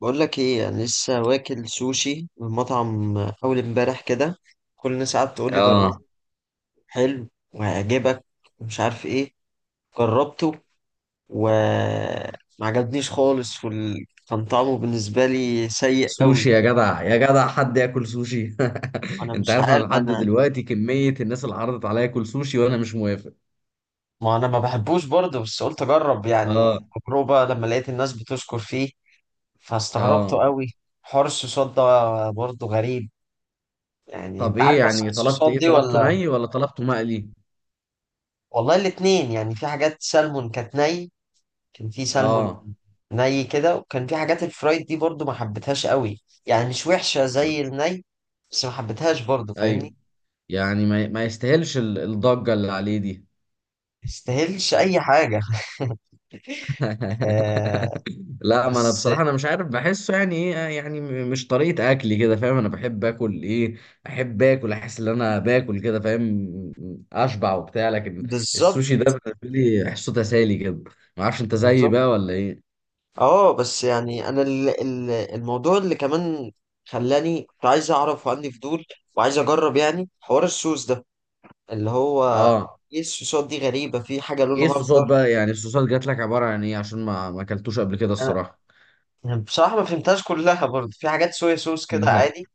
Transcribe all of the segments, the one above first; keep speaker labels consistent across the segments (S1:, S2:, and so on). S1: بقول لك ايه، انا لسه واكل سوشي من مطعم اول امبارح كده. كل الناس قعدت تقول لي جربه
S2: اه.
S1: حلو وهيعجبك ومش عارف ايه. جربته وما عجبنيش خالص، كان طعمه بالنسبه لي سيء قوي.
S2: سوشي يا جدع، يا جدع حد ياكل سوشي؟
S1: انا
S2: انت
S1: مش
S2: عارف انا
S1: عارف.
S2: لحد دلوقتي كمية الناس اللي عرضت عليا اكل سوشي وانا مش موافق.
S1: ما انا ما بحبوش برضه، بس قلت اجرب
S2: اه.
S1: يعني تجربه لما لقيت الناس بتشكر فيه، فاستغربته
S2: اه.
S1: قوي. حوار الصوصات ده برضه غريب. يعني
S2: طب
S1: انت
S2: ايه
S1: عارف اصلا
S2: يعني؟ طلبت
S1: الصوصات
S2: ايه؟
S1: دي
S2: طلبته
S1: ولا؟
S2: ني ولا طلبته مقلي؟
S1: والله الاتنين، يعني في حاجات سلمون كانت ني، كان في سلمون
S2: اه.
S1: ني كده، وكان في حاجات الفرايد دي برضو ما حبيتهاش قوي. يعني مش وحشة زي الني، بس ما حبيتهاش برضو
S2: ايوه،
S1: فاهمني.
S2: يعني ما يستاهلش الضجة اللي عليه دي.
S1: مستاهلش اي حاجة. آه.
S2: لا، ما انا
S1: بس.
S2: بصراحه انا مش عارف بحسه يعني ايه، يعني مش طريقه اكلي كده، فاهم؟ انا بحب اكل ايه، احب اكل، احس ان انا باكل كده، فاهم؟ اشبع وبتاع، لكن
S1: بالظبط.
S2: السوشي ده بالنسبه لي احسه تسالي كده. ما اعرفش، انت زيي
S1: بالظبط.
S2: بقى ولا ايه؟
S1: اه بس يعني انا الموضوع اللي كمان خلاني كنت عايز اعرف وعندي فضول وعايز اجرب يعني حوار السوس ده، اللي هو
S2: اه.
S1: ايه السوسات دي غريبة، في حاجة
S2: ايه
S1: لونها
S2: الصوصات
S1: اخضر.
S2: بقى؟ يعني الصوصات جات لك عباره عن ايه؟ عشان ما اكلتوش قبل كده الصراحه.
S1: يعني بصراحة ما فهمتهاش كلها برضه. في حاجات صويا صوص كده
S2: لا.
S1: عادي.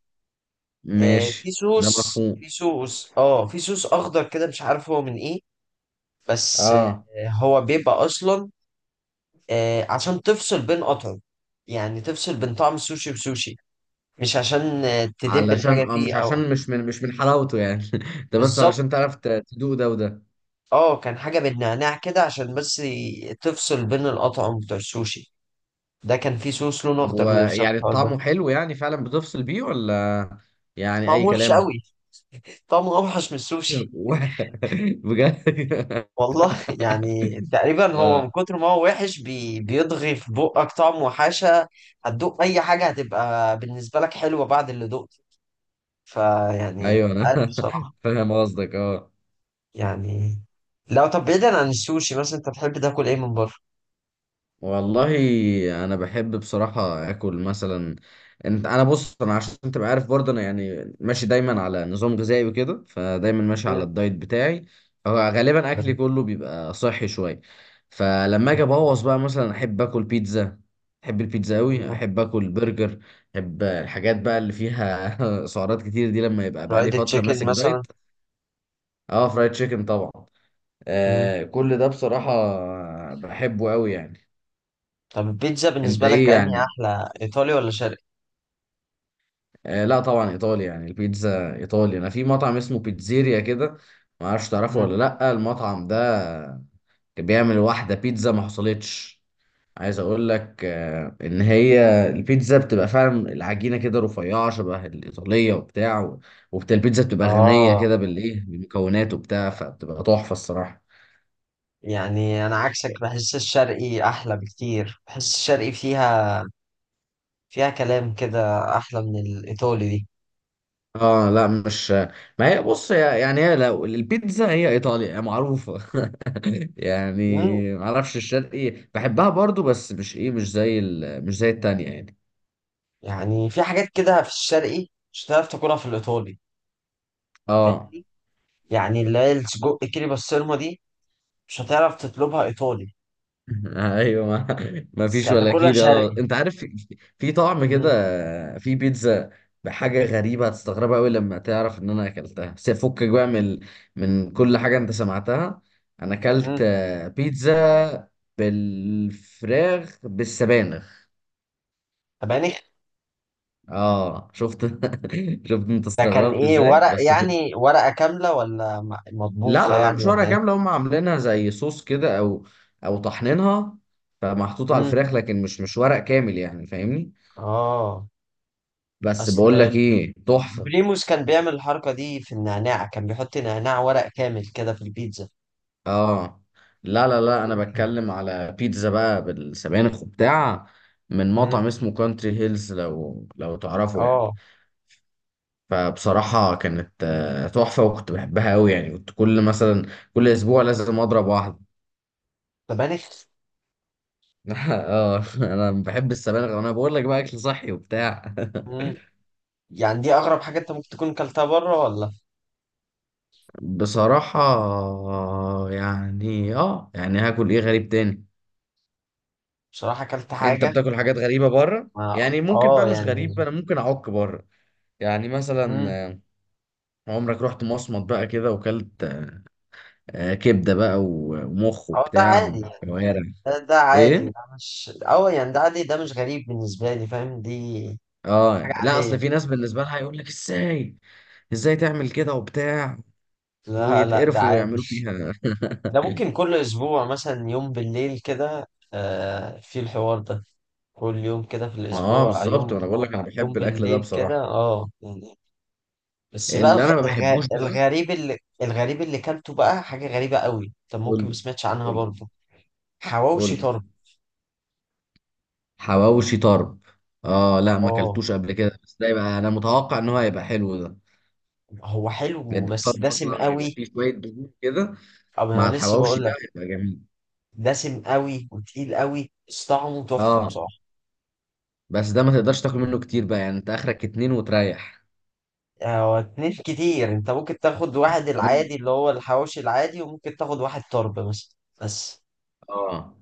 S1: آه
S2: ماشي، ده مفهوم.
S1: في صوص أخضر كده مش عارف هو من ايه، بس
S2: اه،
S1: آه هو بيبقى أصلا عشان تفصل بين قطعم، يعني تفصل بين طعم السوشي وسوشي، مش عشان تدب
S2: علشان،
S1: الحاجة فيه
S2: مش
S1: أو.
S2: عشان مش من حلاوته يعني، ده بس علشان
S1: بالظبط.
S2: تعرف تدوق ده وده.
S1: اه كان حاجة بالنعناع كده عشان بس تفصل بين القطعم بتوع السوشي. ده كان فيه صوص لونه
S2: طب
S1: أخضر
S2: هو يعني
S1: للشبهار ده.
S2: طعمه حلو؟ يعني فعلا بتفصل بيه ولا يعني
S1: طعمه
S2: أي
S1: وحش
S2: كلام؟
S1: قوي. طعمه أوحش من السوشي.
S2: و- بجد؟
S1: والله يعني تقريبا هو من
S2: آه.
S1: كتر ما هو وحش بيضغي في بقك طعم وحشة. هتدوق أي حاجة هتبقى بالنسبة لك حلوة بعد اللي دقته. فيعني مش
S2: ايوه انا.
S1: عارف بصراحة.
S2: فاهم قصدك، اه.
S1: يعني لو طب بعيدا عن السوشي مثلا، أنت بتحب تاكل إيه من بره؟
S2: والله انا بحب بصراحه اكل مثلا، انا بص، انا عشان تبقى عارف برضه، انا يعني ماشي دايما على نظام غذائي وكده، فدايما ماشي
S1: مم.
S2: على الدايت بتاعي. فغالبا اكلي كله بيبقى صحي شويه. فلما اجي ابوظ بقى مثلا، احب اكل بيتزا. احب البيتزا قوي،
S1: مم.
S2: احب اكل برجر. احب الحاجات بقى اللي فيها سعرات كتير دي، لما يبقى بقى لي
S1: فرايد
S2: فتره
S1: تشيكن
S2: ماسك
S1: مثلا.
S2: دايت. اه، فرايد تشيكن طبعا.
S1: مم.
S2: آه، كل ده بصراحه بحبه قوي يعني.
S1: طب البيتزا
S2: انت
S1: بالنسبة لك
S2: ايه
S1: أنهي
S2: يعني؟
S1: أحلى، إيطالي ولا شرقي؟
S2: آه لا طبعا ايطالي. يعني البيتزا ايطالي. انا في مطعم اسمه بيتزيريا كده، ما اعرفش تعرفه
S1: مم.
S2: ولا لا المطعم ده، كان بيعمل واحده بيتزا ما حصلتش. عايز اقول لك آه ان هي البيتزا بتبقى فعلا العجينه كده رفيعه شبه الايطاليه وبتاع، وبتاع البيتزا بتبقى غنيه
S1: آه
S2: كده بالايه، بالمكونات وبتاع، فبتبقى تحفه الصراحه.
S1: يعني أنا عكسك، بحس الشرقي أحلى بكتير. بحس الشرقي فيها فيها كلام كده، احلى من الايطالي دي.
S2: اه لا مش، ما هي بص، يعني هي لو البيتزا هي ايطاليا هي معروفه.
S1: مم.
S2: يعني معرفش، الشرقي بحبها برضو بس مش ايه، مش زي مش زي التانية يعني.
S1: يعني في حاجات كده في الشرقي مش هتعرف تاكلها في الايطالي،
S2: اه.
S1: فاهمني؟ يعني اللي هي السجق كيري بسطرمه دي مش هتعرف تطلبها ايطالي،
S2: ايوه، ما
S1: بس
S2: فيش ولا
S1: هتاكلها
S2: كيري
S1: شرقي.
S2: ولا، انت عارف في طعم
S1: مم.
S2: كده. في بيتزا بحاجة غريبة هتستغربها قوي لما تعرف ان انا اكلتها، بس فكك بقى من، من كل حاجة انت سمعتها. انا اكلت
S1: مم.
S2: آه، بيتزا بالفراخ بالسبانخ.
S1: طب يعني
S2: اه، شفت؟ شفت انت
S1: ده كان
S2: استغربت
S1: ايه؟
S2: ازاي
S1: ورق
S2: بس؟
S1: يعني ورقه كامله ولا
S2: لا
S1: مطبوخه
S2: لا لا،
S1: يعني
S2: مش ورقة
S1: ولا ايه؟
S2: كاملة، هم عاملينها زي صوص كده، او طحنينها، فمحطوطة على
S1: مم.
S2: الفراخ، لكن مش ورق كامل يعني، فاهمني؟
S1: اه
S2: بس بقول لك
S1: اصل
S2: ايه، تحفة.
S1: بريموس كان بيعمل الحركه دي في النعناع، كان بيحط نعناع ورق كامل كده في البيتزا.
S2: اه لا لا لا،
S1: قلت
S2: انا
S1: يمكن.
S2: بتكلم على بيتزا بقى بالسبانخ وبتاع، من
S1: مم.
S2: مطعم اسمه كونتري هيلز، لو تعرفه يعني.
S1: اه.
S2: فبصراحة كانت آه، تحفة، وكنت بحبها قوي يعني، كنت كل اسبوع لازم اضرب واحدة.
S1: طب يعني،
S2: اه انا بحب السبانخ، انا بقول لك بقى، اكل صحي وبتاع.
S1: مم، يعني دي اغرب حاجه انت ممكن تكون كلتها بره ولا؟
S2: بصراحة، يعني يعني هاكل ايه غريب تاني؟
S1: بصراحه كلت
S2: انت
S1: حاجه.
S2: بتاكل حاجات غريبة بره
S1: ما
S2: يعني؟ ممكن
S1: اه
S2: بقى، مش غريبة،
S1: يعني.
S2: انا ممكن اعك بره. يعني مثلا
S1: مم.
S2: آه، عمرك رحت مصمت بقى كده وكلت آه، كبدة بقى ومخ
S1: اه ده
S2: وبتاع،
S1: عادي يعني.
S2: وكوارع؟
S1: ده عادي،
S2: ايه؟
S1: ده مش اه يعني ده عادي، ده مش غريب بالنسبه لي، فاهم دي
S2: اه
S1: حاجه
S2: لا،
S1: عاديه.
S2: اصل في ناس بالنسبة لها يقول لك ازاي، ازاي تعمل كده وبتاع،
S1: لا لا ده
S2: ويتقرفوا
S1: عادي.
S2: ويعملوا فيها.
S1: ده ممكن كل اسبوع مثلا يوم بالليل كده، آه، في الحوار ده، كل يوم كده في
S2: اه
S1: الاسبوع
S2: بالظبط،
S1: يوم،
S2: وانا بقول لك انا
S1: يوم
S2: بحب الاكل ده
S1: بالليل كده
S2: بصراحة.
S1: اه يعني. بس بقى
S2: اللي انا ما بحبوش بقى،
S1: الغريب اللي كلته بقى حاجة غريبة قوي، طب
S2: قول
S1: ممكن ما سمعتش عنها
S2: لي.
S1: برضه.
S2: قول
S1: حواوشي
S2: لي.
S1: طرب.
S2: حواوشي طرب؟ اه لا، ما
S1: اه
S2: اكلتوش قبل كده، بس ده يبقى انا متوقع ان هو هيبقى حلو ده،
S1: هو حلو
S2: لان
S1: بس
S2: الطرب
S1: دسم
S2: اصلا بيبقى
S1: قوي.
S2: فيه شويه دهون كده،
S1: او انا
S2: مع
S1: لسه
S2: الحواوشي
S1: بقول
S2: بقى
S1: لك،
S2: هيبقى جميل.
S1: دسم قوي وتقيل قوي، بس طعمه تحفة
S2: اه.
S1: بصراحة.
S2: بس ده ما تقدرش تاكل منه كتير بقى، يعني انت اخرك اتنين وتريح.
S1: هو اتنين كتير. انت ممكن تاخد واحد
S2: تمام.
S1: العادي اللي هو الحواوشي العادي، وممكن تاخد واحد طرب مثلا. بس
S2: اه،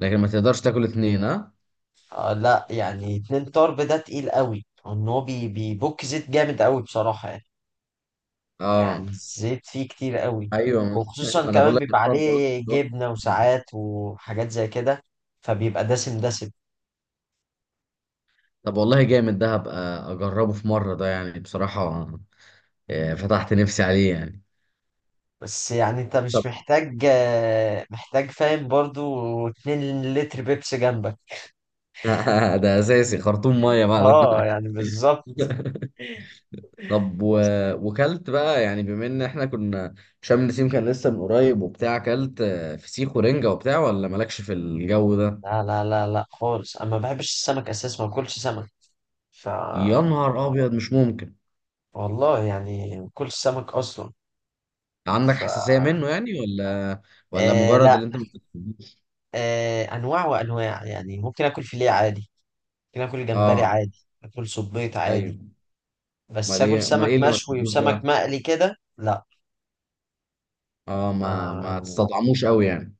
S2: لكن ما تقدرش تاكل اتنين، ها.
S1: آه لا يعني اتنين طرب ده تقيل قوي، ان هو بيبك زيت جامد قوي بصراحة يعني. يعني
S2: اه.
S1: الزيت فيه كتير قوي.
S2: ايوه.
S1: وخصوصا
S2: ما انا بقول
S1: كمان
S2: لك
S1: بيبقى
S2: الطرب اصلا
S1: عليه
S2: لوحده.
S1: جبنة وساعات وحاجات زي كده، فبيبقى دسم دسم.
S2: طب والله جامد ده، هبقى اجربه في مره ده يعني بصراحه. آه، فتحت نفسي عليه يعني.
S1: بس يعني انت مش محتاج، محتاج فاهم برضو 2 لتر بيبسي جنبك.
S2: ده اساسي خرطوم ميه بقى
S1: اه
S2: ده.
S1: يعني بالظبط.
S2: طب وكلت بقى، يعني بما ان احنا كنا، شم النسيم كان لسه من قريب وبتاع، كلت آه، فسيخ ورنجة وبتاع ولا مالكش في الجو ده؟
S1: لا لا لا لا خالص، انا ما بحبش السمك اساسا، ما باكلش سمك. ف
S2: يا نهار ابيض، مش ممكن.
S1: والله يعني ما باكلش سمك اصلا.
S2: عندك
S1: ف
S2: حساسية منه يعني، ولا ولا
S1: آه
S2: مجرد
S1: لا.
S2: اللي انت ما بتحبوش؟
S1: آه انواع وانواع، يعني ممكن اكل فيليه عادي، ممكن اكل جمبري
S2: اه.
S1: عادي، اكل صبيط عادي،
S2: ايوه.
S1: بس
S2: امال
S1: اكل
S2: ايه؟ امال
S1: سمك
S2: ايه اللي ما
S1: مشوي
S2: بتحبوش
S1: وسمك
S2: بقى؟
S1: مقلي كده لا.
S2: اه، ما
S1: آه،
S2: تستطعموش قوي يعني؟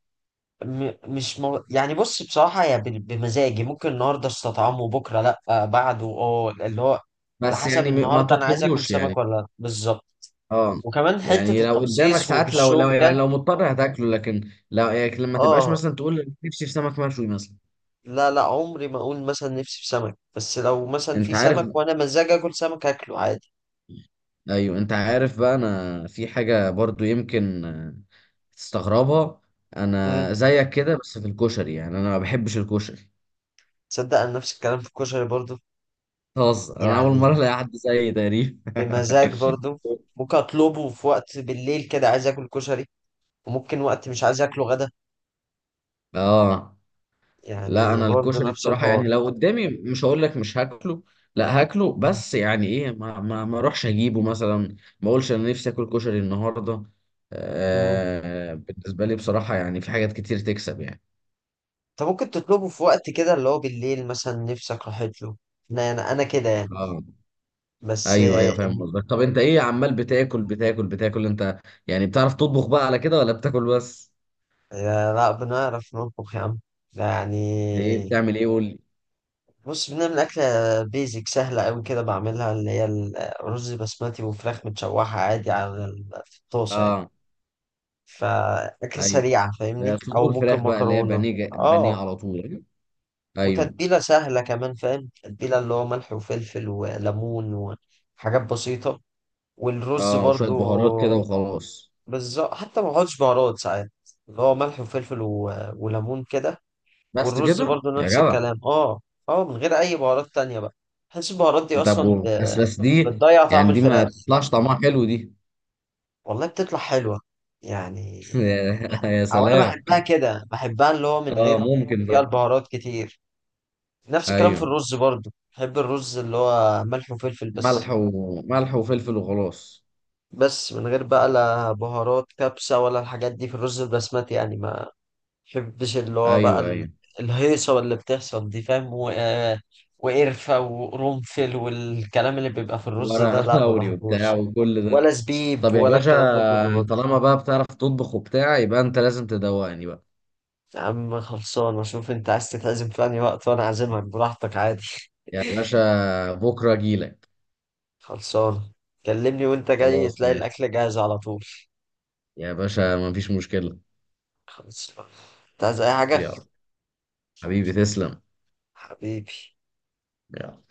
S1: م- مش مو... يعني بص بصراحة هي بمزاجي، ممكن النهاردة استطعمه، بكرة لا، بعده اه اللي هو على
S2: بس
S1: حسب
S2: يعني، ما
S1: النهاردة، انا عايز اكل
S2: تطلبوش
S1: سمك
S2: يعني؟
S1: ولا لا، بالظبط.
S2: اه،
S1: وكمان حتة
S2: يعني لو قدامك
S1: التخصيص
S2: ساعات، لو
S1: وبالشوك
S2: يعني
S1: ده.
S2: لو مضطر هتاكله، لكن لو يعني، لما تبقاش
S1: اه
S2: مثلا تقول نفسي في سمك مشوي مثلا.
S1: لا لا عمري ما اقول مثلا نفسي في سمك، بس لو مثلا في
S2: انت عارف،
S1: سمك وانا مزاجي اكل سمك، اكله عادي.
S2: ايوه انت عارف بقى، انا في حاجه برضو يمكن آه، تستغربها.
S1: مم.
S2: انا زيك كده بس في الكشري، يعني انا ما بحبش الكشري.
S1: تصدق انا نفس الكلام في الكشري برضو.
S2: خلاص، انا اول مره
S1: يعني
S2: الاقي حد زيي تقريبا.
S1: بمزاج برضو. ممكن اطلبه في وقت بالليل كده عايز اكل كشري، وممكن وقت مش عايز اكله غدا.
S2: اه لا،
S1: يعني
S2: انا
S1: برضو
S2: الكشري
S1: نفس
S2: بصراحه
S1: الحوار.
S2: يعني، لو قدامي مش هقول لك مش هاكله، لا هاكله، بس يعني ايه، ما اروحش اجيبه مثلا، ما اقولش انا نفسي اكل كشري النهارده.
S1: امم.
S2: آه بالنسبه لي بصراحه يعني في حاجات كتير تكسب يعني.
S1: انت ممكن تطلبه في وقت كده اللي هو بالليل مثلا نفسك راحت له. انا انا أنا كده يعني.
S2: اه.
S1: بس
S2: ايوه
S1: آه،
S2: ايوه فاهم
S1: إن...
S2: قصدك. طب انت ايه؟
S1: إن...
S2: عمال بتاكل بتاكل بتاكل انت، يعني بتعرف تطبخ بقى على كده ولا بتاكل بس؟
S1: آه، لا بنعرف نطبخ يا عم. لا يعني،
S2: ايه؟ بتعمل ايه؟ قول لي.
S1: بص بنعمل أكلة بيزك سهلة أوي كده بعملها، اللي هي الرز بسمتي وفراخ متشوحة عادي على في الطاسة يعني،
S2: اه.
S1: فأكلة
S2: ايوه،
S1: سريعة
S2: ده
S1: فاهمني، أو
S2: صدور
S1: ممكن
S2: فراخ بقى اللي هي
S1: مكرونة.
S2: بانيه، بانيه
S1: اه.
S2: على طول، ايوه. أيوه.
S1: وتتبيلة سهلة كمان، فاهم تتبيلة اللي هو ملح وفلفل وليمون وحاجات بسيطة. والرز
S2: اه، وشويه
S1: برضو،
S2: بهارات كده وخلاص؟
S1: بالظبط، حتى ما بحطش بهارات ساعات، اللي هو ملح وفلفل وليمون كده.
S2: بس
S1: والرز
S2: كده
S1: برضو
S2: يا
S1: نفس
S2: جدع؟
S1: الكلام اه. اه من غير أي بهارات تانية بقى. بحس البهارات دي
S2: طب
S1: أصلا
S2: بس دي
S1: بتضيع طعم
S2: يعني، دي ما
S1: الفراخ.
S2: تطلعش طعمها حلو دي؟
S1: والله بتطلع حلوة يعني.
S2: يا
S1: أو أنا
S2: سلام.
S1: بحبها كده، بحبها اللي هو من
S2: اه،
S1: غير ما يبقى
S2: ممكن
S1: فيها
S2: بقى.
S1: البهارات كتير. نفس الكلام في
S2: ايوه،
S1: الرز برضو، بحب الرز اللي هو ملح وفلفل بس.
S2: ملح وملح وفلفل وخلاص.
S1: بس من غير بقى لا بهارات كبسة ولا الحاجات دي في الرز البسمتي يعني، ما بحبش اللي هو بقى
S2: ايوه ايوه،
S1: الهيصة اللي بتحصل دي، فاهم؟ و... آه، وقرفة وقرنفل والكلام اللي بيبقى في الرز ده،
S2: ورق
S1: لا ما
S2: لوري وبتاع
S1: بحبوش،
S2: وكل ده.
S1: ولا زبيب
S2: طب يا
S1: ولا
S2: باشا،
S1: الكلام ده كله برضه.
S2: طالما بقى بتعرف تطبخ وبتاع، يبقى انت لازم تدوقني بقى.
S1: يا عم خلصان، اشوف انت عايز تتعزم في انهي وقت وانا اعزمك براحتك عادي.
S2: يا باشا بكره اجيلك.
S1: خلصان، كلمني وانت جاي
S2: خلاص
S1: تلاقي
S2: ماشي،
S1: الاكل جاهز على طول.
S2: يا باشا مفيش مشكله.
S1: خلاص بقى. انت عايز اي حاجة؟
S2: يلا، حبيبي تسلم.
S1: حبيبي.
S2: يلا.